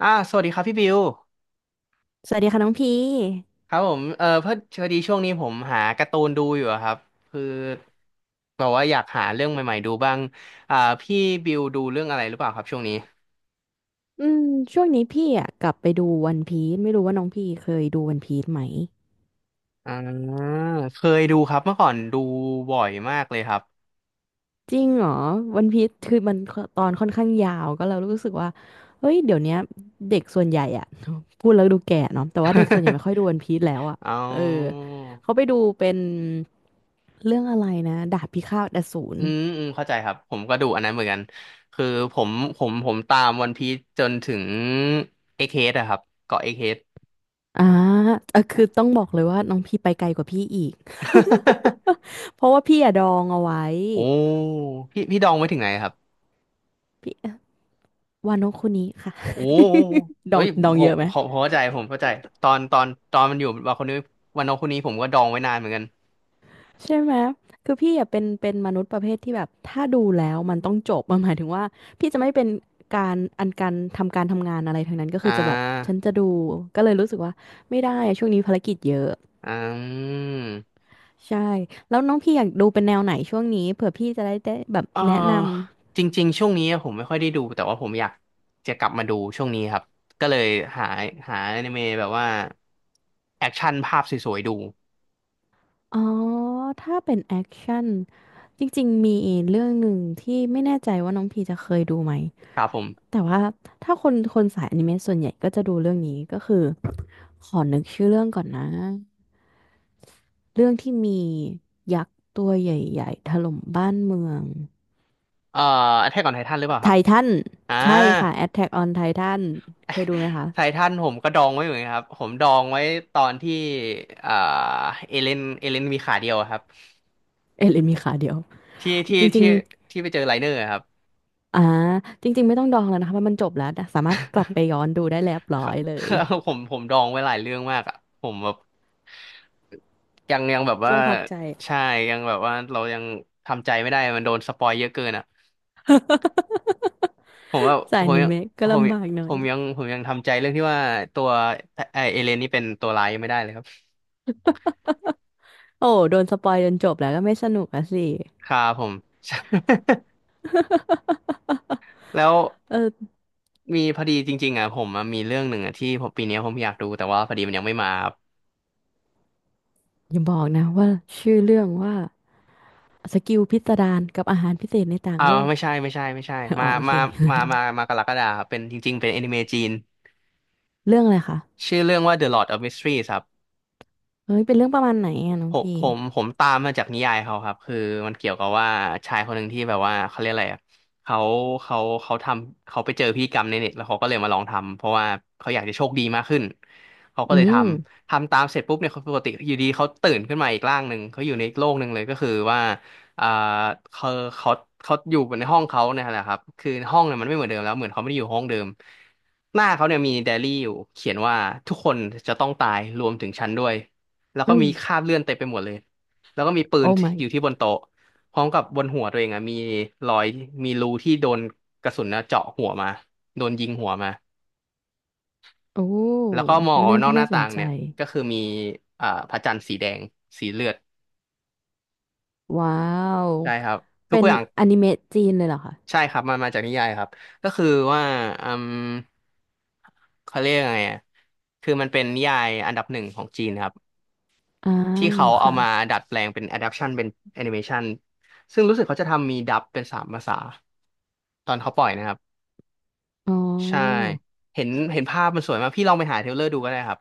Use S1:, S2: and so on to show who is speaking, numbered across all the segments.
S1: สวัสดีครับพี่บิว
S2: สวัสดีค่ะน้องพี
S1: ครับผมเออเพื่อพอดีช่วงนี้ผมหาการ์ตูนดูอยู่อะครับคือแบบว่าอยากหาเรื่องใหม่ๆดูบ้างอ่าพี่บิวดูเรื่องอะไรหรือเปล่าครับช่วงนี้
S2: อืมช่วงนี้พี่อ่ะกลับไปดูวันพีซไม่รู้ว่าน้องพี่เคยดูวันพีซไหม
S1: อ่าเคยดูครับเมื่อก่อนดูบ่อยมากเลยครับ
S2: จริงเหรอวันพีซคือมันตอนค่อนข้างยาวก็เรารู้สึกว่าเฮ้ยเดี๋ยวเนี้ยเด็กส่วนใหญ่อ่ะ พูดแล้วดูแก่เนาะแต่ว่าเด็กส่วนใหญ่ ไม่ค่อยดูวันพีซแล้วอ่ะ
S1: เอา
S2: เออเขาไปดูเป็นเรื่องอะไรนะดาบพิฆาตอสูร
S1: อืมอืมเข้าใจครับผมก็ดูอันนั้นเหมือนกันคือผมผมตามวันพีซจนถึงเอ็กเฮดอะครับเกาะเอ็กเฮด
S2: อ่าเออคือต้องบอกเลยว่าน้องพี่ไปไกลกว่าพี่อีก เพราะว่าพี่อะดองเอาไว้
S1: โอ้พี่ดองไว้ถึงไหนครับ
S2: พี่ วาโนคุนิค่ะ
S1: โอ้
S2: ด
S1: เอ้
S2: อง
S1: ย
S2: ดอง
S1: ผ
S2: เย
S1: ม
S2: อะไหม
S1: ผมผมเข้าใจผมเข้าใจตอนมันอยู่วันคนนี้วันน้องคนนี้ผมก็ดองไว้นานเหมือนกัน
S2: ใช่ไหมคือพี่อะเป็นเป็นมนุษย์ประเภทที่แบบถ้าดูแล้วมันต้องจบมันหมายถึงว่าพี่จะไม่เป็นการอันการทำการทำงานอะไรทั้งนั้นก็
S1: อ่
S2: คือจะแบบ
S1: า
S2: ฉันจะดูก็เลยรู้สึกว่าไม่ได้อะช่วงนี้ภารกิจเยอะ
S1: อืม
S2: ใช่แล้วน้องพี่อยากดูเป็นแนวไหนช่วงนี้เผื่อพี่จะได้ได้แบบ
S1: เออ
S2: แนะนำ
S1: จริงๆ ช่วงนี้ผมไม่ค่อยได้ดูแต่ว่าผมอยากจะกลับมาดูช่วงนี้ครับก็เลยหาหาอนิเมะแบบว่าแอคชั่นภาพสวยๆดู
S2: อ๋อถ้าเป็นแอคชั่นจริงๆมีเรื่องหนึ่งที่ไม่แน่ใจว่าน้องพี่จะเคยดูไหม
S1: ครับผม
S2: แต่ว่าถ้าคนคนสายอนิเมะส่วนใหญ่ก็จะดูเรื่องนี้ก็คือขอนึกชื่อเรื่องก่อนนะเรื่องที่มียักษ์ตัวใหญ่ๆถล่มบ้านเมือง
S1: เอ่อแท็กออนไททันหรือเปล่าค
S2: ไท
S1: รับ
S2: ทัน
S1: อ่า
S2: ใช่ค่ะ Attack on Titan เคยดูไหมคะ
S1: ไททันผมก็ดองไว้เหมือนกันครับผมดองไว้ตอนที่เอ่อเอเลนมีขาเดียวอะครับ
S2: เอเินมีขาเดียว
S1: ที่ที่
S2: จริ
S1: ที่
S2: ง
S1: ที่ไปเจอไลเนอร์อะครับ
S2: ๆอ่าจริงๆไม่ต้องดองแล้วนะคะเพราะมันจบแล้วนะสามารถกลับไปย้อนดูได้เรียบร้อยเลย
S1: ผมดองไว้หลายเรื่องมากอ่ะผมแบบยังแบบว่า
S2: ช่วงพักใจ
S1: ใช่ยังแบบว่าเรายังทำใจไม่ได้มันโดนสปอยเยอะเกินอ่ะผมว่า
S2: สา
S1: ผ
S2: ยอ
S1: ม
S2: นิ
S1: ยัง
S2: เมะก็
S1: ผม
S2: ลำบากหน่อ
S1: ผ
S2: ย
S1: มยังผมยังทำใจเรื่องที่ว่าตัวไอเอเลนนี่เป็นตัวร้ายยังไม่ได้เลยครับ
S2: โอ้โดนสปอยจนจบแล้วก็ไม่สนุกอะสิ
S1: ครับผม แล้ว
S2: เออ
S1: มีพอดีจริงๆอ่ะผมอะมีเรื่องหนึ่งอ่ะที่ผมปีเนี้ยผมอยากดูแต่ว่าพอดีมันยังไม่มา
S2: อย่าบอกนะว่าชื่อเรื่องว่าสกิลพิสดารกับอาหารพิเศษในต่าง
S1: อ่า
S2: โลก
S1: ไม่ใช่ไม่ใช่ไม่ใช่
S2: อ๋
S1: มา
S2: อโอเค
S1: มามามามากรกฎาครับเป็นจริงๆเป็นแอนิเมะจีน
S2: เรื่องอะไรคะ
S1: ชื่อเรื่องว่า The Lord of Mysteries ครับ
S2: เฮ้ยเป็นเรื่องประมาณไหนอะน้อ
S1: ผ
S2: ง
S1: ม
S2: พี่
S1: ผมผมตามมาจากนิยายเขาครับคือมันเกี่ยวกับว่าชายคนหนึ่งที่แบบว่าเขาเรียกอะไรอะเขาเขาเขาไปเจอพิธีกรรมในเน็ตแล้วเขาก็เลยมาลองทำเพราะว่าเขาอยากจะโชคดีมากขึ้นเขาก็
S2: อื
S1: เลยท
S2: ม
S1: ำทำตามเสร็จปุ๊บเนี่ยเขาปกติอยู่ดีเขาตื่นขึ้นมาอีกร่างหนึ่งเขาอยู่ในอีกโลกหนึ่งเลยก็คือว่าอ่าเขาเขาเขาอยู่ในห้องเขาเนี่ยแหละครับคือห้องเนี่ยมันไม่เหมือนเดิมแล้วเหมือนเขาไม่ได้อยู่ห้องเดิมหน้าเขาเนี่ยมีไดอารี่อยู่เขียนว่าทุกคนจะต้องตายรวมถึงฉันด้วย แล้ว
S2: อื
S1: ก็
S2: ม
S1: มีคราบเลือดเต็มไปหมดเลยแล้วก็มีปื
S2: โอ้
S1: น
S2: my
S1: อยู่ที่บนโต๊ะพร้อมกับบนหัวตัวเองอะมีรอยมีรูที่โดนกระสุนนะเจาะหัวมา โดนยิงหัวมา
S2: โอ้
S1: แล้วก็มอง
S2: เป็น
S1: ออ
S2: เรื่
S1: ก
S2: อง
S1: นอก
S2: ที่
S1: ห
S2: น่า
S1: น้า
S2: ส
S1: ต่า
S2: น
S1: ง
S2: ใจ
S1: เนี่ยก็คือมีพระจันทร์สีแดง สีเลือด
S2: ว้าว
S1: ใช่ครับทุ
S2: เป็
S1: ก
S2: น
S1: อย่าง
S2: อนิเมะจีนเลยเหรอคะ
S1: ใช่ครับมันมาจากนิยายครับก็คือว่าอืมเขาเรียกยังไงอะคือมันเป็นนิยายอันดับหนึ่งของจีนครับ
S2: อ่า
S1: ที่เขาเอา
S2: ค่ะ
S1: มาดัดแปลงเป็น adaptation เป็น animation ซึ่งรู้สึกเขาจะทำมีดับเป็น3 ภาษาตอนเขาปล่อยนะครับ
S2: อ๋อ
S1: ใช่เห็นภาพมันสวยมากพี่ลองไปหาเทรลเลอร์ดูก็ได้ครับ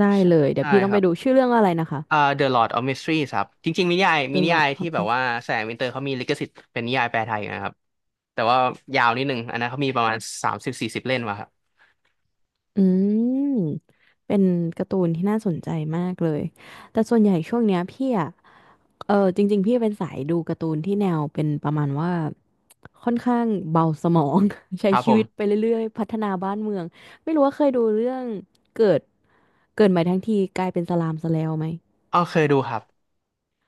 S2: ได้
S1: ใช่
S2: เลยเดี๋ยว
S1: ใช่
S2: พี่ต้อ
S1: ค
S2: งไป
S1: รับ
S2: ดูชื่อเรื่องอะไรนะคะ
S1: The Lord of Mysteries ครับจริงๆมีนิยายมี
S2: The
S1: นิยา
S2: Lord
S1: ยที่
S2: of
S1: แบบ
S2: Mist
S1: ว่าแสงวินเตอร์เขามีลิขสิทธิ์เป็นนิยายแปลไทยอยู่นะครับแต่ว่ายาวนิดนึงอันนั้นเขามีประมาณ30-40 เล่มมาครับ
S2: อืมเป็นการ์ตูนที่น่าสนใจมากเลยแต่ส่วนใหญ่ช่วงเนี้ยพี่อะ เออจริงๆพี่เป็นสายดูการ์ตูนที่แนวเป็นประมาณว่าค่อนข้างเบาสมอง ใช้
S1: ครับผ
S2: ชีวิตไป
S1: ม
S2: เรื่อยๆพัฒนาบ้านเมืองไม่รู้ว่าเคยดูเรื่องเกิดเกิดใหม่ทั้งทีกลายเป็นสลามสแลวไหม
S1: อ๋อเคยดูครับ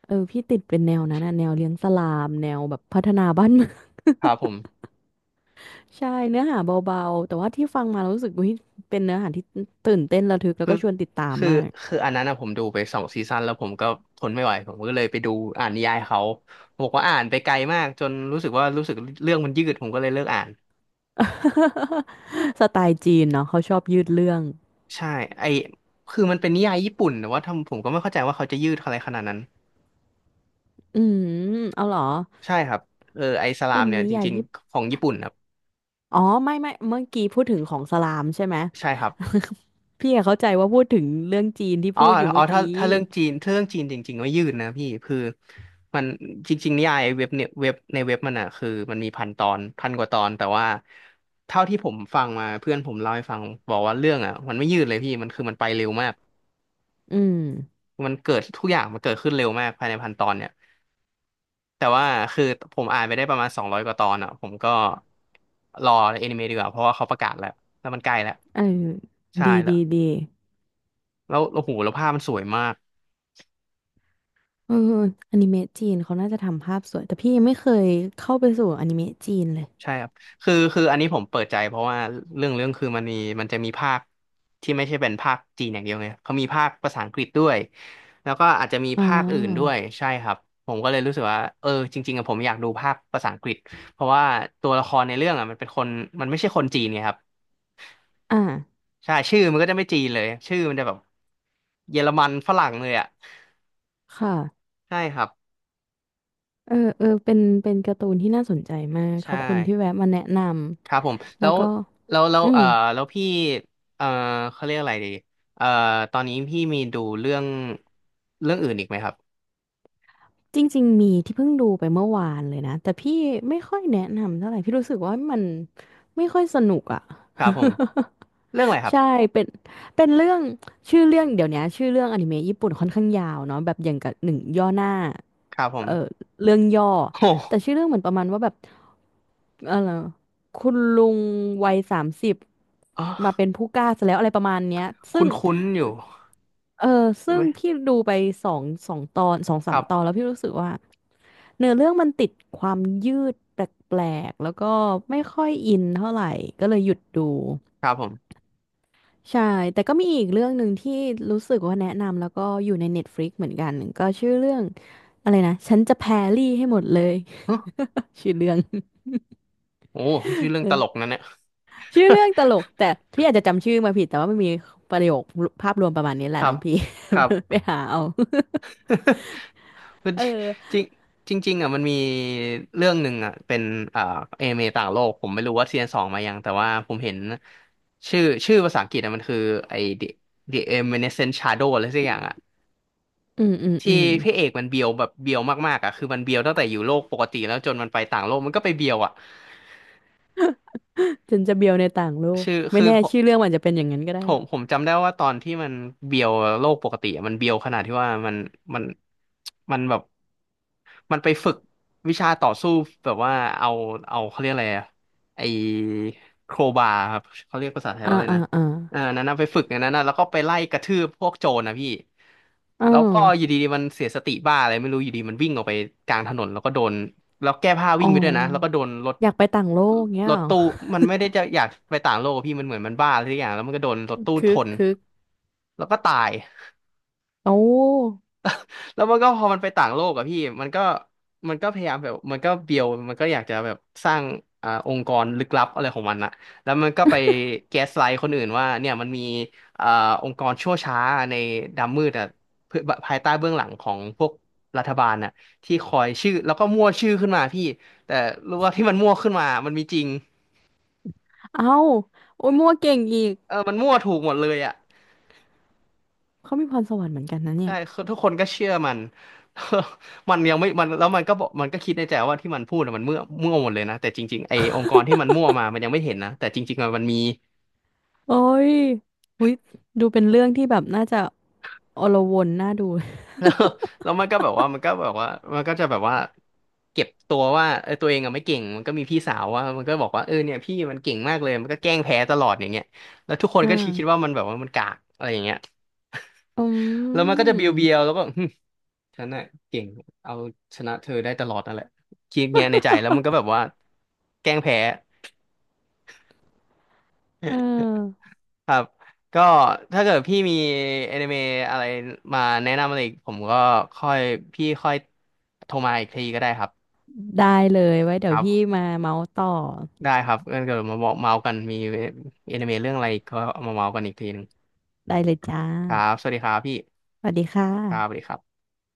S2: เออพี่ติดเป็นแนวนั้นนะแนวเลี้ยงสลามแนวแบบพัฒนาบ้านเมือง
S1: ครับผม
S2: ใช่เนื้อหาเบาๆแต่ว่าที่ฟังมาแล้วรู้สึกว่าเป็นเนื้อหาที่ตื่นเต้นระทึกแล้ว
S1: คือ
S2: ก็ชวนติดตาม
S1: คือ
S2: มาก
S1: คืออันนั้นนะผมดูไป2 ซีซั่นแล้วผมก็ทนไม่ไหวผมก็เลยไปดูอ่านนิยายเขาผมบอกว่าอ่านไปไกลมากจนรู้สึกว่ารู้สึกเรื่องมันยืดผมก็เลยเลิกอ่าน
S2: สไตล์จีนเนาะเขาชอบยืดเรื่อง
S1: ใช่ไอคือมันเป็นนิยายญี่ปุ่นแต่ว่าทำผมก็ไม่เข้าใจว่าเขาจะยืดอะไรขนาดนั้น
S2: อืมเอาเหรอ
S1: ใช่ครับเออไอสลา
S2: เป็
S1: ม
S2: น
S1: เนี่ย
S2: นิ
S1: จ
S2: ยาย
S1: ริง
S2: ญี่
S1: ๆของญี่ปุ่นครับ
S2: อ๋อไม่ไม่เมื่อกี้พูดถึงของสลามใช่ไหม
S1: ใช่ครับ
S2: พี่อะเข้าใจว่าพูดถึงเรื่องจีนที่
S1: อ๋อ
S2: พูดอยู่
S1: อ๋อ
S2: เมื่อ
S1: ถ้า
S2: กี้
S1: ถ้าเรื่องจีนถ้าเรื่องจีนจริงๆไม่ยืดนะพี่ คือมันจริงๆนิยายเว็บเนี่ยเว็บในเว็บมันอ่ะคือมันมี1,000 ตอน 1,000 กว่าตอนแต่ว่าเท่าที่ผมฟังมาเพื่อนผมเล่าให้ฟังบอกว่าเรื่องอ่ะมันไม่ยืดเลยพี่มันคือมันไปเร็วมาก
S2: อืม
S1: มันเกิดทุกอย่างมันเกิดขึ้นเร็วมากภายในพันตอนเนี่ยแต่ว่าคือผมอ่านไปได้ประมาณ200 กว่าตอนอ่ะผมก็รอแอนิเมะดีกว่าเพราะว่าเขาประกาศแล้วแล้วมันใกล้แล้ว
S2: เออ
S1: ใช่
S2: ดี
S1: แล้ว
S2: ดีดี
S1: แล้วโอ้โหแล้วภาพมันสวยมาก
S2: เอออนิเมะจีนเขาน่าจะทำภาพสวยแต่พี่ยังไม่เคยเข้าไปสู่อนิเมะจีนเลย
S1: ใช่ครับคืออันนี้ผมเปิดใจเพราะว่าเรื่องคือมันมีมันจะมีภาคที่ไม่ใช่เป็นภาคจีนอย่างเดียวไงเขามีภาคภาษาอังกฤษด้วย แล้วก็อาจจะมี
S2: อ๋อ
S1: ภาคอื่นด้วยใช่ครับ ผมก็เลยรู้สึกว่าเออจริงๆอะผมอยากดูภาคภาษาอังกฤษเพราะว่าตัวละครในเรื่องอะมันเป็นคนมันไม่ใช่คนจีนไงครับ
S2: อ่า
S1: ใช่ชื่อมันก็จะไม่จีนเลยชื่อมันจะแบบเยอรมันฝรั่งเลยอะ
S2: ค่ะ
S1: ใช่ครับ
S2: เออเออเป็นเป็นการ์ตูนที่น่าสนใจมากข
S1: ใช่
S2: อบคุณที่แวะมาแนะน
S1: ครับผม
S2: ำ
S1: แล้
S2: แล้ว
S1: ว
S2: ก็
S1: แล้ว
S2: อืม
S1: แล้วพี่เอ่อเขาเรียกอะไรดีเอ่อตอนนี้พี่มีดูเรื่องเรื่องอื่นอีกไหมครับ
S2: จริงๆมีที่เพิ่งดูไปเมื่อวานเลยนะแต่พี่ไม่ค่อยแนะนำเท่าไหร่พี่รู้สึกว่ามันไม่ค่อยสนุกอ่ะ
S1: ครับผมเรื่องอะไรค รับ
S2: ใช่เป็นเป็นเรื่องชื่อเรื่องเดี๋ยวนี้ชื่อเรื่องอนิเมะญี่ปุ่นค่อนข้างยาวเนาะแบบอย่างกับหนึ่งย่อหน้า
S1: ครับผม
S2: เออเรื่องย่อ
S1: โอ้
S2: แต่ชื่อเรื่องเหมือนประมาณว่าแบบ เอะไรคุณลุงวัยสามสิบ
S1: อ๋อ
S2: มาเป็นผู้กล้าซะแล้วอะไรประมาณเนี้ย
S1: ค
S2: ซึ่ง
S1: ุ้นๆอยู่
S2: เออ
S1: รู้
S2: ซึ่ง
S1: ไหม
S2: พี่ดูไปสองตอนสอง
S1: ค
S2: สาม
S1: รั
S2: ตอน
S1: บ
S2: แล้วพี่รู้สึกว่าเนื้อเรื่องมันติดความยืดแปลกๆแล้วก็ไม่ค่อยอินเท่าไหร่ก็เลยหยุดดู
S1: ครับผม
S2: ใช่แต่ก็มีอีกเรื่องหนึ่งที่รู้สึกว่าแนะนำแล้วก็อยู่ใน Netflix เหมือนกันก็ชื่อเรื่องอะไรนะฉันจะแพรรี่ให้หมดเลย
S1: ฮะ
S2: ชื่อเรื่อง
S1: โอ้ชื่อเรื่องตลก นั่นเนี่ย
S2: ชื่อเรื่องตล กแต่พี่อาจจะจำชื่อมาผิดแต่ว่ามันมีประโยคภาพรวมประมาณนี้แห
S1: ค
S2: ละ
S1: รั
S2: น้
S1: บ
S2: องพี่
S1: ครับ
S2: ไปหาเอา
S1: คือ
S2: เออ
S1: จริงจริงจริงๆอ่ะมันมีเรื่องหนึ่งอ่ะเป็นเอ่อเอเมต่างโลกผมไม่รู้ว่าซีซั่นสองมายังแต่ว่าผมเห็นชื่อภาษาอังกฤษอ่ะมันคือไอ้ The Evanescent Shadow อะไรสักอย่างอ่ะ
S2: อืมอืม
S1: ที่
S2: อืม
S1: พระเอกมันเบียวแบบเบียวมากๆอ่ะคือมันเบียวตั้งแต่อยู่โลกปกติแล้วจนมันไปต่างโลกมันก็ไปเบียวอ่ะ
S2: ฉันจะเบียวในต่างโลก
S1: ชื่อ
S2: ไม่
S1: คือ
S2: แน่ชื่อเรื่องมันจะเป็นอย่างนั้นก็
S1: ผ
S2: ได้
S1: มผมจำได้ว่าตอนที่มันเบียวโลกปกติอะมันเบียวขนาดที่ว่ามันมันแบบมันไปฝึกวิชาต่อสู้แบบว่าเอาเอาเขาเรียกอะไรอะไอโครบาครับเขาเรียกภาษาไทยว่า
S2: อ่า
S1: อะไร
S2: อ่า
S1: นะ
S2: อ่า
S1: อ่านั้นนะไปฝึกอย่างนั้นนะแล้วก็ไปไล่กระทืบพวกโจรนะพี่
S2: อ่า
S1: แล้วก็อยู่ดีๆมันเสียสติบ้าอะไรไม่รู้อยู่ดีมันวิ่งออกไปกลางถนนแล้วก็โดน แล้วแก้ผ้า
S2: อ๋
S1: วิ่
S2: อ
S1: งไปด้วยนะแล้วก็โดนรถ
S2: อยากไปต่างโลกเงี้
S1: ร
S2: ย
S1: ถ
S2: เหรอ
S1: ตู้มันไม่ได้จะอยากไปต่างโลกอะพี่มันเหมือนมันบ้าอะไรสักอย่างแล้วมันก็โดนรถตู้
S2: คึ
S1: ช
S2: ก
S1: น
S2: คึก
S1: แล้วก็ตาย
S2: โอ้
S1: แล้วมันก็พอมันไปต่างโลกอะพี่มันก็มันก็พยายามแบบมันก็เบียวมันก็อยากจะแบบสร้างองค์กรลึกลับอะไรของมันอะแล้วมันก็ไปแก๊สไลท์คนอื่นว่าเนี่ยมันมีอ่าองค์กรชั่วช้าในดำมืดอะเพื่อภายใต้เบื้องหลังของพวกรัฐบาลน่ะที่คอยชื่อแล้วก็มั่วชื่อขึ้นมาพี่แต่รู้ว่าที่มันมั่วขึ้นมามันมีจริง
S2: เอ้าโอ้ยมั่วเก่งอีก
S1: เออมันมั่วถูกหมดเลยอะ
S2: เขามีพรสวรรค์เหมือนกันนะเนี่
S1: ใช่
S2: ย
S1: คือทุกคนก็เชื่อมัน มันยังไม่มันแล้วมันก็บอกมันก็คิดในใจว่าที่มันพูดน่ะมันมั่วหมดเลยนะแต่จริงๆไอ้องค์กรที่มันมั่วมามันยังไม่เห็นนะแต่จริงๆอะมันมี
S2: โอ้ยอุยดูเป็นเรื่องที่แบบน่าจะอลวนน่าดู
S1: แล้วแล้วมันก็แบบว่ามันก็จะแบบว่าเก็บตัวว่าเออตัวเองอะไม่เก่งมันก็มีพี่สาวว่ามันก็บอกว่าเออเนี่ยพี่มันเก่งมากเลยมันก็แกล้งแพ้ตลอดอย่างเงี้ยแล้วทุกคน
S2: อ่
S1: ก็คิดว่า
S2: า
S1: มันแบบว่ามันกากอะไรอย่างเงี้ย
S2: อื
S1: แล้วมันก็จะเบียวๆ
S2: ม
S1: แล้วก็ ฉันน่ะเก่งเอาชนะเธอได้ตลอดนั่นแหละคิดเงี้ยในใจแล้วมันก็แบบว่าแกล้งแพ้
S2: เออ
S1: ครับก็ถ้าเกิดพี่มีแอนิเมะอะไรมาแนะนำอะไรอีกผมก็ค่อยพี่ค่อยโทรมาอีกทีก็ได้ครับ
S2: ได้เลยไว้
S1: ค
S2: เดี๋ยว
S1: รั
S2: พี่
S1: บ
S2: มาเมาส์ต่อ
S1: ได้ครับงั้นเกิดมาบอกเมาส์กันมีแอนิเมะเรื่องอะไรก็เอามาเมาส์กันอีกทีหนึ่ง
S2: ได้เลยจ้า
S1: ครับสวัสดีครับพี่
S2: สวัสดีค่
S1: ครับสวัส
S2: ะ
S1: ดีครับ